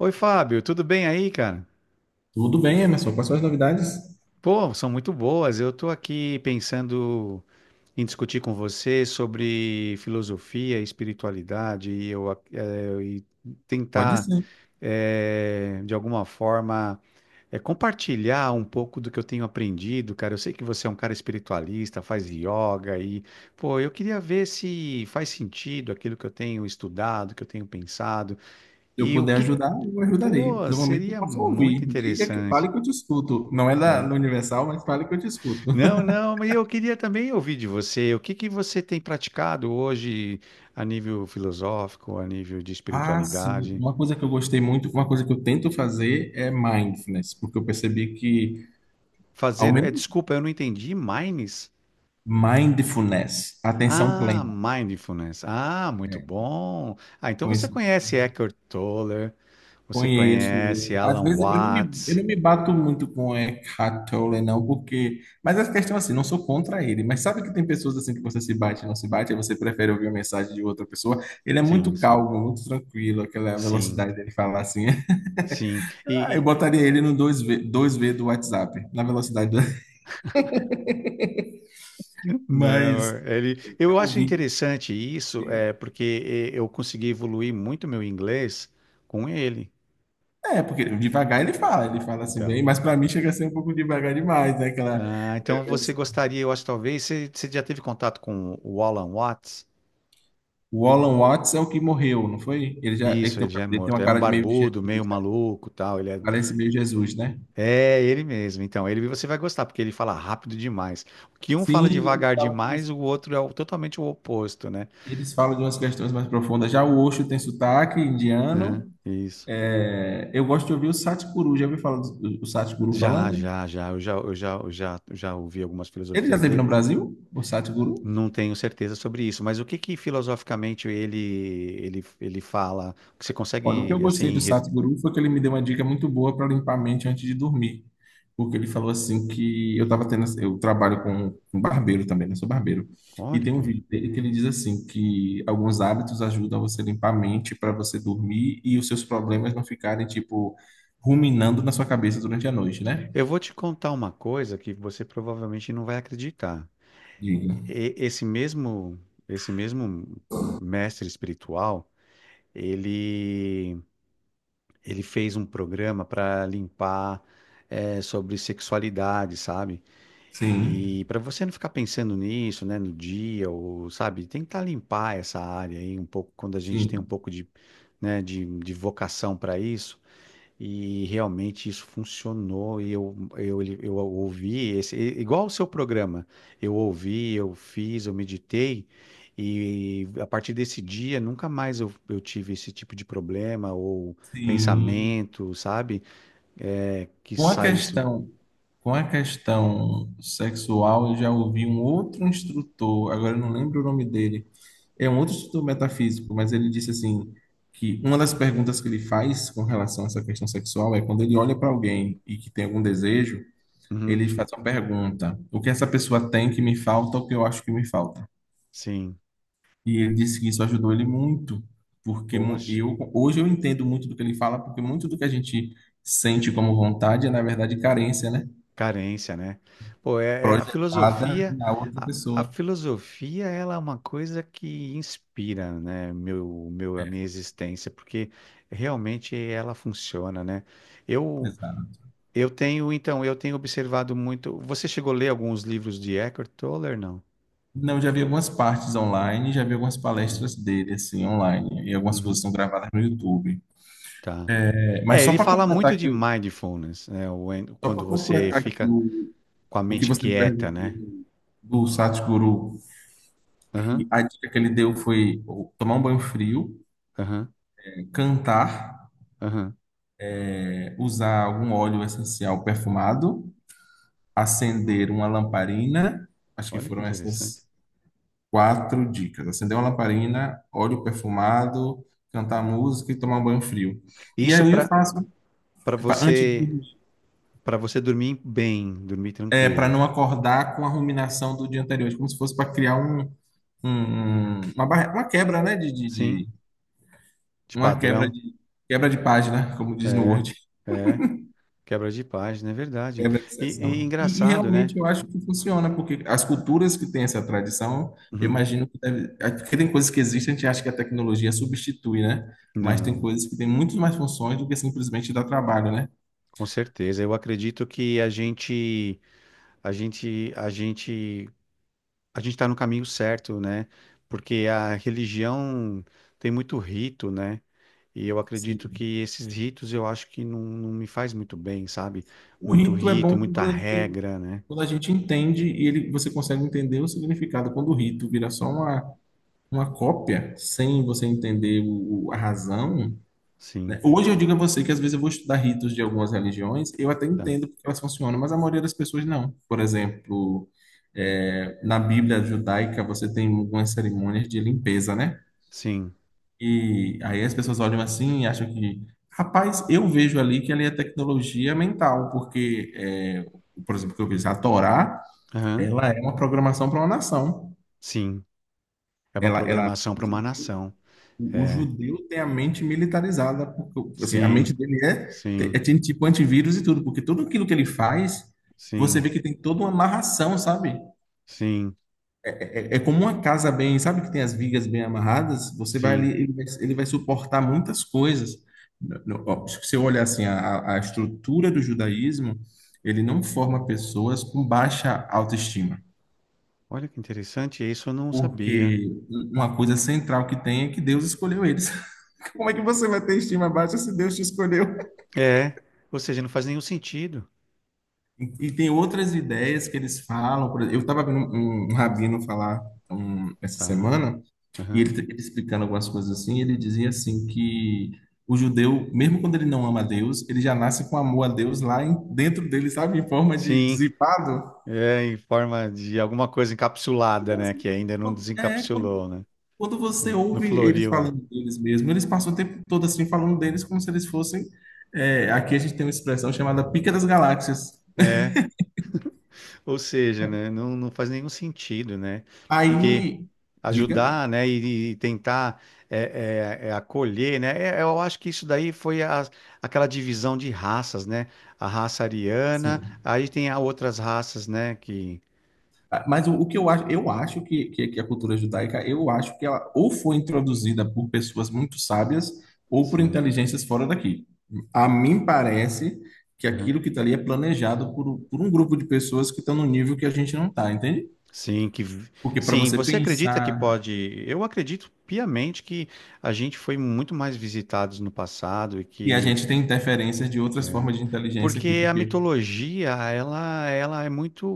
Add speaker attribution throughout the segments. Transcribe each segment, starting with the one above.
Speaker 1: Oi, Fábio, tudo bem aí, cara?
Speaker 2: Tudo bem, Emerson. Quais são as novidades?
Speaker 1: Pô, são muito boas. Eu tô aqui pensando em discutir com você sobre filosofia, espiritualidade e
Speaker 2: Pode
Speaker 1: tentar,
Speaker 2: ser.
Speaker 1: de alguma forma, compartilhar um pouco do que eu tenho aprendido, cara. Eu sei que você é um cara espiritualista, faz yoga e, pô, eu queria ver se faz sentido aquilo que eu tenho estudado, que eu tenho pensado
Speaker 2: Se eu
Speaker 1: e o
Speaker 2: puder
Speaker 1: que,
Speaker 2: ajudar, eu ajudarei.
Speaker 1: pô,
Speaker 2: No momento, eu
Speaker 1: seria
Speaker 2: posso
Speaker 1: muito
Speaker 2: ouvir. Diga que
Speaker 1: interessante.
Speaker 2: fale que eu te escuto. Não é da no Universal, mas fale que eu te escuto.
Speaker 1: Não, não, mas eu queria também ouvir de você, o que que você tem praticado hoje a nível filosófico, a nível de
Speaker 2: Ah, sim.
Speaker 1: espiritualidade?
Speaker 2: Uma coisa que eu gostei muito, uma coisa que eu tento fazer é mindfulness, porque eu percebi que, ao
Speaker 1: Fazer, é,
Speaker 2: menos,
Speaker 1: desculpa, eu não entendi, mindfulness?
Speaker 2: mindfulness, atenção
Speaker 1: Ah,
Speaker 2: plena.
Speaker 1: mindfulness. Ah, muito bom. Ah, então você
Speaker 2: Conheço.
Speaker 1: conhece Eckhart Tolle, você
Speaker 2: Conheço.
Speaker 1: conhece
Speaker 2: ele. Às
Speaker 1: Alan
Speaker 2: vezes eu não me, eu
Speaker 1: Watts?
Speaker 2: não me bato muito com Eckhart Tolle, não, porque. Mas a questão é assim, não sou contra ele. Mas sabe que tem pessoas assim que você se bate e não se bate, aí você prefere ouvir a mensagem de outra pessoa. Ele é
Speaker 1: Sim,
Speaker 2: muito
Speaker 1: sim.
Speaker 2: calmo, muito tranquilo, aquela
Speaker 1: Sim,
Speaker 2: velocidade dele falar assim.
Speaker 1: sim. E
Speaker 2: Ah, eu
Speaker 1: e-
Speaker 2: botaria ele no dois v do WhatsApp, na velocidade do... Mas
Speaker 1: não, ele,
Speaker 2: eu
Speaker 1: eu acho
Speaker 2: ouvi.
Speaker 1: interessante isso, é porque eu consegui evoluir muito meu inglês com ele.
Speaker 2: É, porque devagar ele fala assim bem,
Speaker 1: Então.
Speaker 2: mas para mim chega a ser um pouco devagar demais, né? Aquela é,
Speaker 1: Ah, então você gostaria, eu acho, talvez, você já teve contato com o Alan Watts?
Speaker 2: O Alan Watts é o que morreu, não foi? Ele já ele
Speaker 1: Isso,
Speaker 2: tem,
Speaker 1: ele
Speaker 2: um-
Speaker 1: já é
Speaker 2: ele tem
Speaker 1: morto.
Speaker 2: uma
Speaker 1: É um
Speaker 2: cara de meio de
Speaker 1: barbudo, meio
Speaker 2: Jesus, né?
Speaker 1: maluco, tal. Ele é,
Speaker 2: Parece meio Jesus, né?
Speaker 1: é ele mesmo. Então, ele você vai gostar porque ele fala rápido demais. O que um fala
Speaker 2: Sim, ele
Speaker 1: devagar
Speaker 2: fala que
Speaker 1: demais,
Speaker 2: eles,
Speaker 1: o outro é totalmente o oposto, né?
Speaker 2: eles falam de umas questões mais profundas. Já o Osho tem sotaque
Speaker 1: Aham,
Speaker 2: indiano.
Speaker 1: isso.
Speaker 2: É, eu gosto de ouvir o Satguru. Já ouviu falar do, do Satguru
Speaker 1: Já,
Speaker 2: falando?
Speaker 1: já, já. Eu já ouvi algumas
Speaker 2: Ele já
Speaker 1: filosofias
Speaker 2: esteve no
Speaker 1: dele.
Speaker 2: Brasil? O Satguru?
Speaker 1: Não tenho certeza sobre isso, mas o que que filosoficamente ele fala? Que você
Speaker 2: Olha, o que eu
Speaker 1: consegue
Speaker 2: gostei
Speaker 1: assim?
Speaker 2: do
Speaker 1: Re-
Speaker 2: Sadhguru foi que ele me deu uma dica muito boa para limpar a mente antes de dormir. Porque ele falou assim que eu estava tendo, eu trabalho com um barbeiro também, né? Sou barbeiro. E
Speaker 1: Olha
Speaker 2: tem
Speaker 1: que
Speaker 2: um
Speaker 1: legal.
Speaker 2: vídeo dele que ele diz assim que alguns hábitos ajudam você a limpar a mente para você dormir e os seus problemas não ficarem tipo ruminando na sua cabeça durante a noite, né?
Speaker 1: Eu vou te contar uma coisa que você provavelmente não vai acreditar.
Speaker 2: Diga.
Speaker 1: E- Esse mesmo, esse mesmo mestre espiritual, ele, ele fez um programa para limpar sobre sexualidade, sabe?
Speaker 2: Sim,
Speaker 1: E para você não ficar pensando nisso, né, no dia ou sabe, tentar limpar essa área aí um pouco quando a gente tem um
Speaker 2: sim,
Speaker 1: pouco de, né, de vocação para isso e realmente isso funcionou. Eu ouvi esse, igual o seu programa. Eu ouvi, eu fiz, eu meditei, e a partir desse dia nunca mais eu tive esse tipo de problema ou
Speaker 2: sim.
Speaker 1: pensamento, sabe? É, que
Speaker 2: Uma
Speaker 1: saísse.
Speaker 2: questão Com a questão sexual, eu já ouvi um outro instrutor, agora eu não lembro o nome dele, é um outro instrutor metafísico, mas ele disse assim, que uma das perguntas que ele faz com relação a essa questão sexual é quando ele olha para alguém e que tem algum desejo,
Speaker 1: Uhum,
Speaker 2: ele faz uma pergunta: o que essa pessoa tem que me falta, o que eu acho que me falta?
Speaker 1: sim,
Speaker 2: E ele disse que isso ajudou ele muito, porque
Speaker 1: poxa.
Speaker 2: eu hoje eu entendo muito do que ele fala, porque muito do que a gente sente como vontade é na verdade carência, né?
Speaker 1: Carência, né? Pô, é, é-
Speaker 2: Projetada na outra
Speaker 1: a
Speaker 2: pessoa.
Speaker 1: filosofia, ela é uma coisa que inspira, né, a minha existência, porque realmente ela funciona, né? Eu,
Speaker 2: Exato.
Speaker 1: eu tenho, então, eu tenho observado muito. Você chegou a ler alguns livros de Eckhart Tolle, não?
Speaker 2: Não, já vi algumas partes online, já vi algumas
Speaker 1: Hum,
Speaker 2: palestras dele assim online e algumas coisas
Speaker 1: uhum,
Speaker 2: são gravadas no YouTube.
Speaker 1: tá.
Speaker 2: É, mas
Speaker 1: É, ele fala muito de mindfulness, né?
Speaker 2: só para
Speaker 1: Quando você
Speaker 2: completar que
Speaker 1: fica
Speaker 2: o,
Speaker 1: com a
Speaker 2: o que
Speaker 1: mente
Speaker 2: você me
Speaker 1: quieta,
Speaker 2: perguntou
Speaker 1: né?
Speaker 2: do Satguru,
Speaker 1: Aham,
Speaker 2: que a dica que ele deu foi tomar um banho frio,
Speaker 1: aham,
Speaker 2: cantar,
Speaker 1: aham.
Speaker 2: usar algum óleo essencial perfumado, acender uma lamparina. Acho que
Speaker 1: Olha que
Speaker 2: foram
Speaker 1: interessante.
Speaker 2: essas quatro dicas: acender uma lamparina, óleo perfumado, cantar música e tomar um banho frio. E
Speaker 1: Isso
Speaker 2: aí eu
Speaker 1: para
Speaker 2: faço
Speaker 1: Para
Speaker 2: antes de
Speaker 1: você,
Speaker 2: dormir,
Speaker 1: para você dormir bem, dormir
Speaker 2: para
Speaker 1: tranquilo.
Speaker 2: não acordar com a ruminação do dia anterior, como se fosse para criar uma quebra, né? De,
Speaker 1: Sim,
Speaker 2: de-
Speaker 1: de
Speaker 2: uma quebra
Speaker 1: padrão.
Speaker 2: de quebra de página, como diz no
Speaker 1: É,
Speaker 2: Word.
Speaker 1: é. Quebra de página, é verdade.
Speaker 2: É da
Speaker 1: E, e
Speaker 2: obsessão. E
Speaker 1: engraçado,
Speaker 2: realmente
Speaker 1: né?
Speaker 2: eu acho que funciona, porque as culturas que têm essa tradição, eu
Speaker 1: Uhum.
Speaker 2: imagino que deve. Porque tem coisas que existem, a gente acha que a tecnologia substitui, né? Mas tem
Speaker 1: Não,
Speaker 2: coisas que têm muito mais funções do que simplesmente dar trabalho, né?
Speaker 1: com certeza. Eu acredito que a gente, a gente, a gente está no caminho certo, né? Porque a religião tem muito rito, né? E eu acredito
Speaker 2: Sim.
Speaker 1: que esses ritos eu acho que não, não me faz muito bem, sabe?
Speaker 2: O
Speaker 1: Muito
Speaker 2: rito é
Speaker 1: rito,
Speaker 2: bom
Speaker 1: muita
Speaker 2: quando, ele tem-
Speaker 1: regra, né?
Speaker 2: quando a gente entende e ele, você consegue entender o significado. Quando o rito vira só uma cópia, sem você entender a razão, né?
Speaker 1: Sim.
Speaker 2: Hoje eu digo a você que às vezes eu vou estudar ritos de algumas religiões, eu até
Speaker 1: Tá.
Speaker 2: entendo porque elas funcionam, mas a maioria das pessoas não. Por exemplo, na Bíblia judaica você tem algumas cerimônias de limpeza, né?
Speaker 1: Sim,
Speaker 2: E aí as pessoas olham assim e acham que, rapaz, eu vejo ali que ali é tecnologia mental, porque, por exemplo, que eu vejo a Torá,
Speaker 1: aham,
Speaker 2: ela é uma programação para uma nação.
Speaker 1: sim. É uma
Speaker 2: Ela, ela
Speaker 1: programação para uma nação.
Speaker 2: o
Speaker 1: É,
Speaker 2: judeu tem a mente militarizada, porque assim, a mente
Speaker 1: sim,
Speaker 2: dele
Speaker 1: sim,
Speaker 2: tem tipo antivírus e tudo, porque tudo aquilo que ele faz, você
Speaker 1: sim,
Speaker 2: vê que tem toda uma amarração, sabe?
Speaker 1: sim,
Speaker 2: É como uma casa bem, sabe que tem as vigas bem amarradas, você vai ali,
Speaker 1: sim.
Speaker 2: ele vai, suportar muitas coisas. Ó, se você olhar assim, a estrutura do judaísmo, ele não forma pessoas com baixa autoestima.
Speaker 1: Olha que interessante, isso eu não sabia.
Speaker 2: Porque uma coisa central que tem é que Deus escolheu eles. Como é que você vai ter estima baixa se Deus te escolheu?
Speaker 1: É, ou seja, não faz nenhum sentido,
Speaker 2: E tem outras ideias que eles falam. Por exemplo, eu estava vendo um rabino falar essa
Speaker 1: tá?
Speaker 2: semana, e
Speaker 1: Aham.
Speaker 2: ele explicando algumas coisas assim, ele dizia assim que o judeu, mesmo quando ele não ama a Deus, ele já nasce com amor a Deus lá dentro dele, sabe? Em forma de
Speaker 1: Sim,
Speaker 2: dissipado.
Speaker 1: é em forma de alguma coisa encapsulada,
Speaker 2: Então,
Speaker 1: né?
Speaker 2: assim,
Speaker 1: Que ainda não
Speaker 2: quando- é, quando,
Speaker 1: desencapsulou, né?
Speaker 2: quando você
Speaker 1: É. Não
Speaker 2: ouve eles
Speaker 1: floriu, é.
Speaker 2: falando deles mesmo, eles passam o tempo todo assim falando deles como se eles fossem. Aqui a gente tem uma expressão chamada pica das galáxias.
Speaker 1: É, ou seja, né, não, não faz nenhum sentido, né? Porque
Speaker 2: Aí, diga.
Speaker 1: ajudar, né, e tentar acolher, né? Eu acho que isso daí foi aquela divisão de raças, né? A raça ariana,
Speaker 2: Sim.
Speaker 1: aí tem a outras raças, né? Que
Speaker 2: Ah, mas o que eu acho, eu acho que a cultura judaica, eu acho que ela ou foi introduzida por pessoas muito sábias ou por
Speaker 1: sim,
Speaker 2: inteligências fora daqui. A mim parece que
Speaker 1: aham.
Speaker 2: aquilo que está ali é planejado por um grupo de pessoas que estão no nível que a gente não está, entende?
Speaker 1: Sim, que vi-
Speaker 2: Porque para
Speaker 1: sim.
Speaker 2: você
Speaker 1: Você acredita que
Speaker 2: pensar
Speaker 1: pode? Eu acredito piamente que a gente foi muito mais visitados no passado e
Speaker 2: que a
Speaker 1: que
Speaker 2: gente tem interferências de outras formas de inteligência aqui,
Speaker 1: Porque a
Speaker 2: porque
Speaker 1: mitologia, ela é muito,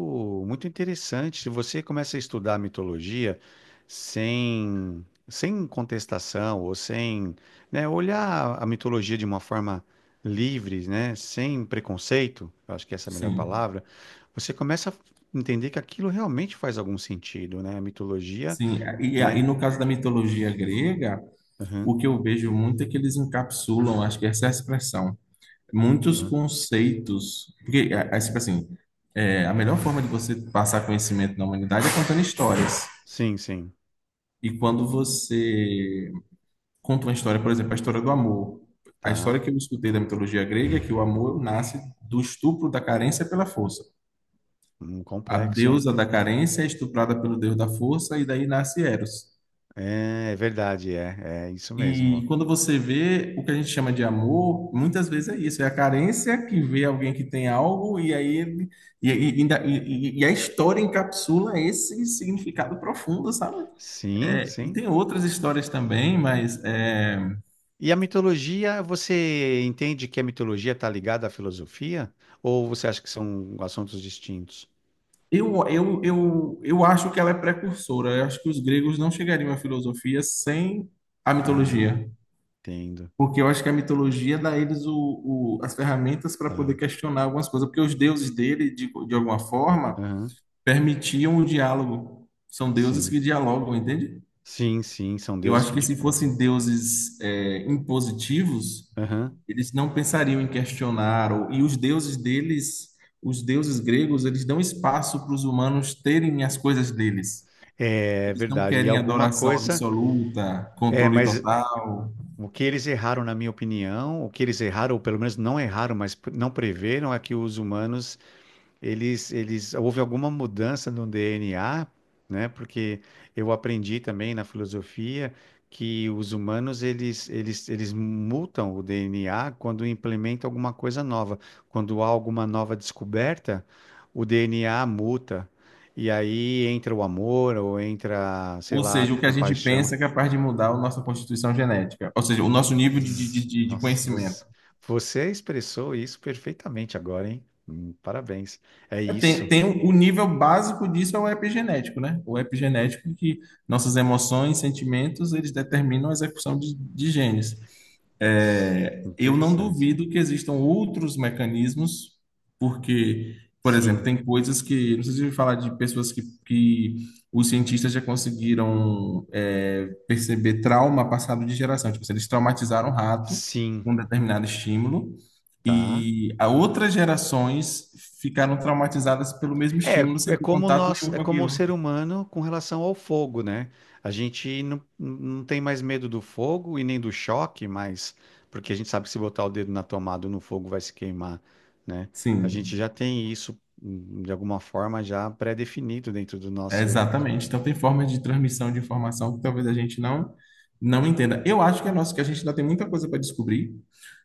Speaker 1: muito interessante. Se você começa a estudar a mitologia sem contestação ou sem, né, olhar a mitologia de uma forma livre, né, sem preconceito, eu acho que essa é a melhor
Speaker 2: sim,
Speaker 1: palavra, você começa a entender que aquilo realmente faz algum sentido, né? A mitologia,
Speaker 2: sim. E
Speaker 1: né?
Speaker 2: no caso da mitologia grega,
Speaker 1: Aham,
Speaker 2: o que eu vejo muito é que eles encapsulam, acho que essa é a expressão muitos
Speaker 1: aham.
Speaker 2: conceitos. Porque, tipo assim, a melhor forma de você passar conhecimento na humanidade é contando histórias.
Speaker 1: Sim, sim,
Speaker 2: E quando você conta uma história, por exemplo, a história do amor. A história
Speaker 1: tá.
Speaker 2: que eu escutei da mitologia grega é que o amor nasce do estupro da carência pela força.
Speaker 1: Um
Speaker 2: A
Speaker 1: complexo, né?
Speaker 2: deusa da carência é estuprada pelo deus da força e daí nasce Eros.
Speaker 1: É, é verdade, é, é isso
Speaker 2: E
Speaker 1: mesmo.
Speaker 2: quando você vê o que a gente chama de amor, muitas vezes é isso, é a carência que vê alguém que tem algo e aí e, e, ainda- e- e a história encapsula esse significado profundo, sabe?
Speaker 1: Sim,
Speaker 2: É, e
Speaker 1: sim.
Speaker 2: tem outras histórias também, mas é,
Speaker 1: E a mitologia, você entende que a mitologia está ligada à filosofia? Ou você acha que são assuntos distintos?
Speaker 2: eu, eu, eu, eu acho que ela é precursora. Eu acho que os gregos não chegariam à filosofia sem a
Speaker 1: Ah,
Speaker 2: mitologia.
Speaker 1: entendo.
Speaker 2: Porque eu acho que a mitologia dá a eles as ferramentas para poder
Speaker 1: Tá.
Speaker 2: questionar algumas coisas. Porque os deuses dele, de alguma forma,
Speaker 1: Aham.
Speaker 2: permitiam o diálogo. São deuses
Speaker 1: Sim.
Speaker 2: que dialogam, entende?
Speaker 1: Sim, sim, são
Speaker 2: Eu
Speaker 1: deuses
Speaker 2: acho
Speaker 1: que
Speaker 2: que se
Speaker 1: dialogam.
Speaker 2: fossem deuses impositivos,
Speaker 1: Aham.
Speaker 2: eles não pensariam em questionar. E os deuses deles, os deuses gregos, eles dão espaço para os humanos terem as coisas deles.
Speaker 1: É
Speaker 2: Eles não
Speaker 1: verdade. E
Speaker 2: querem
Speaker 1: alguma
Speaker 2: adoração
Speaker 1: coisa.
Speaker 2: absoluta,
Speaker 1: É,
Speaker 2: controle
Speaker 1: mas
Speaker 2: total.
Speaker 1: o que eles erraram, na minha opinião, o que eles erraram, ou pelo menos não erraram, mas pre- não preveram, é que os humanos houve alguma mudança no DNA, né? Porque eu aprendi também na filosofia que os humanos eles mutam o DNA quando implementam alguma coisa nova. Quando há alguma nova descoberta, o DNA muta. E aí entra o amor ou entra, sei
Speaker 2: Ou
Speaker 1: lá, a
Speaker 2: seja, o que a gente
Speaker 1: compaixão.
Speaker 2: pensa é capaz de mudar a nossa constituição genética, ou seja, o nosso nível de, de,
Speaker 1: Ex-
Speaker 2: de de
Speaker 1: Nossa,
Speaker 2: conhecimento.
Speaker 1: você expressou isso perfeitamente agora, hein? Parabéns. É
Speaker 2: É, Tem,
Speaker 1: isso.
Speaker 2: tem o nível básico disso é o epigenético, né? O epigenético que nossas emoções, sentimentos, eles determinam a execução de genes. É, eu não
Speaker 1: Interessante.
Speaker 2: duvido que existam outros mecanismos, porque, por exemplo,
Speaker 1: Sim,
Speaker 2: tem coisas que, não sei se eu ouvi falar de pessoas que, os cientistas já conseguiram perceber trauma passado de geração, tipo, assim, eles traumatizaram o rato
Speaker 1: sim,
Speaker 2: com um determinado estímulo
Speaker 1: tá.
Speaker 2: e a outras gerações ficaram traumatizadas pelo mesmo
Speaker 1: É,
Speaker 2: estímulo
Speaker 1: é
Speaker 2: sem ter
Speaker 1: como
Speaker 2: contato
Speaker 1: nós,
Speaker 2: nenhum
Speaker 1: é
Speaker 2: com
Speaker 1: como o
Speaker 2: aquilo.
Speaker 1: ser humano com relação ao fogo, né? A gente não, não tem mais medo do fogo e nem do choque, mas porque a gente sabe que se botar o dedo na tomada ou no fogo vai se queimar, né? A gente
Speaker 2: Sim.
Speaker 1: já tem isso de alguma forma já pré-definido dentro do
Speaker 2: É,
Speaker 1: nosso,
Speaker 2: exatamente. Então tem formas de transmissão de informação que talvez a gente não entenda. Eu acho que é nosso que a gente ainda tem muita coisa para descobrir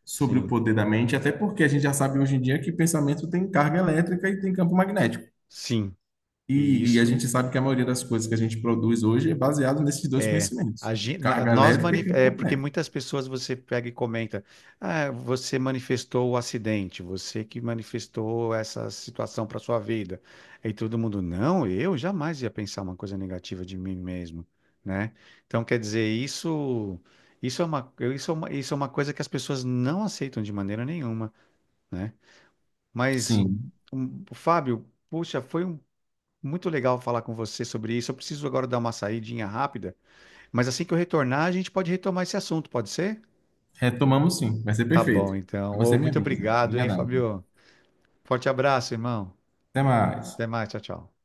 Speaker 2: sobre o
Speaker 1: sim,
Speaker 2: poder da mente, até porque a gente já sabe hoje em dia que pensamento tem carga elétrica e tem campo magnético.
Speaker 1: sim. E
Speaker 2: E a
Speaker 1: isso
Speaker 2: gente sabe que a maioria das coisas que a gente produz hoje é baseado nesses dois
Speaker 1: É,
Speaker 2: conhecimentos, carga
Speaker 1: nós
Speaker 2: elétrica e campo
Speaker 1: é, porque
Speaker 2: magnético.
Speaker 1: muitas pessoas você pega e comenta, ah, você manifestou o acidente, você que manifestou essa situação para sua vida. Aí todo mundo, não, eu jamais ia pensar uma coisa negativa de mim mesmo, né? Então quer dizer, isso é uma coisa que as pessoas não aceitam de maneira nenhuma, né? Mas
Speaker 2: Sim,
Speaker 1: um, Fábio, puxa, muito legal falar com você sobre isso. Eu preciso agora dar uma saidinha rápida. Mas assim que eu retornar, a gente pode retomar esse assunto, pode ser?
Speaker 2: retomamos sim, vai ser
Speaker 1: Tá
Speaker 2: perfeito.
Speaker 1: bom,
Speaker 2: É
Speaker 1: então. Ô,
Speaker 2: Você me
Speaker 1: muito
Speaker 2: avisa.
Speaker 1: obrigado, hein,
Speaker 2: Obrigadão.
Speaker 1: Fabio? Forte abraço, irmão.
Speaker 2: Até mais.
Speaker 1: Até mais, tchau, tchau.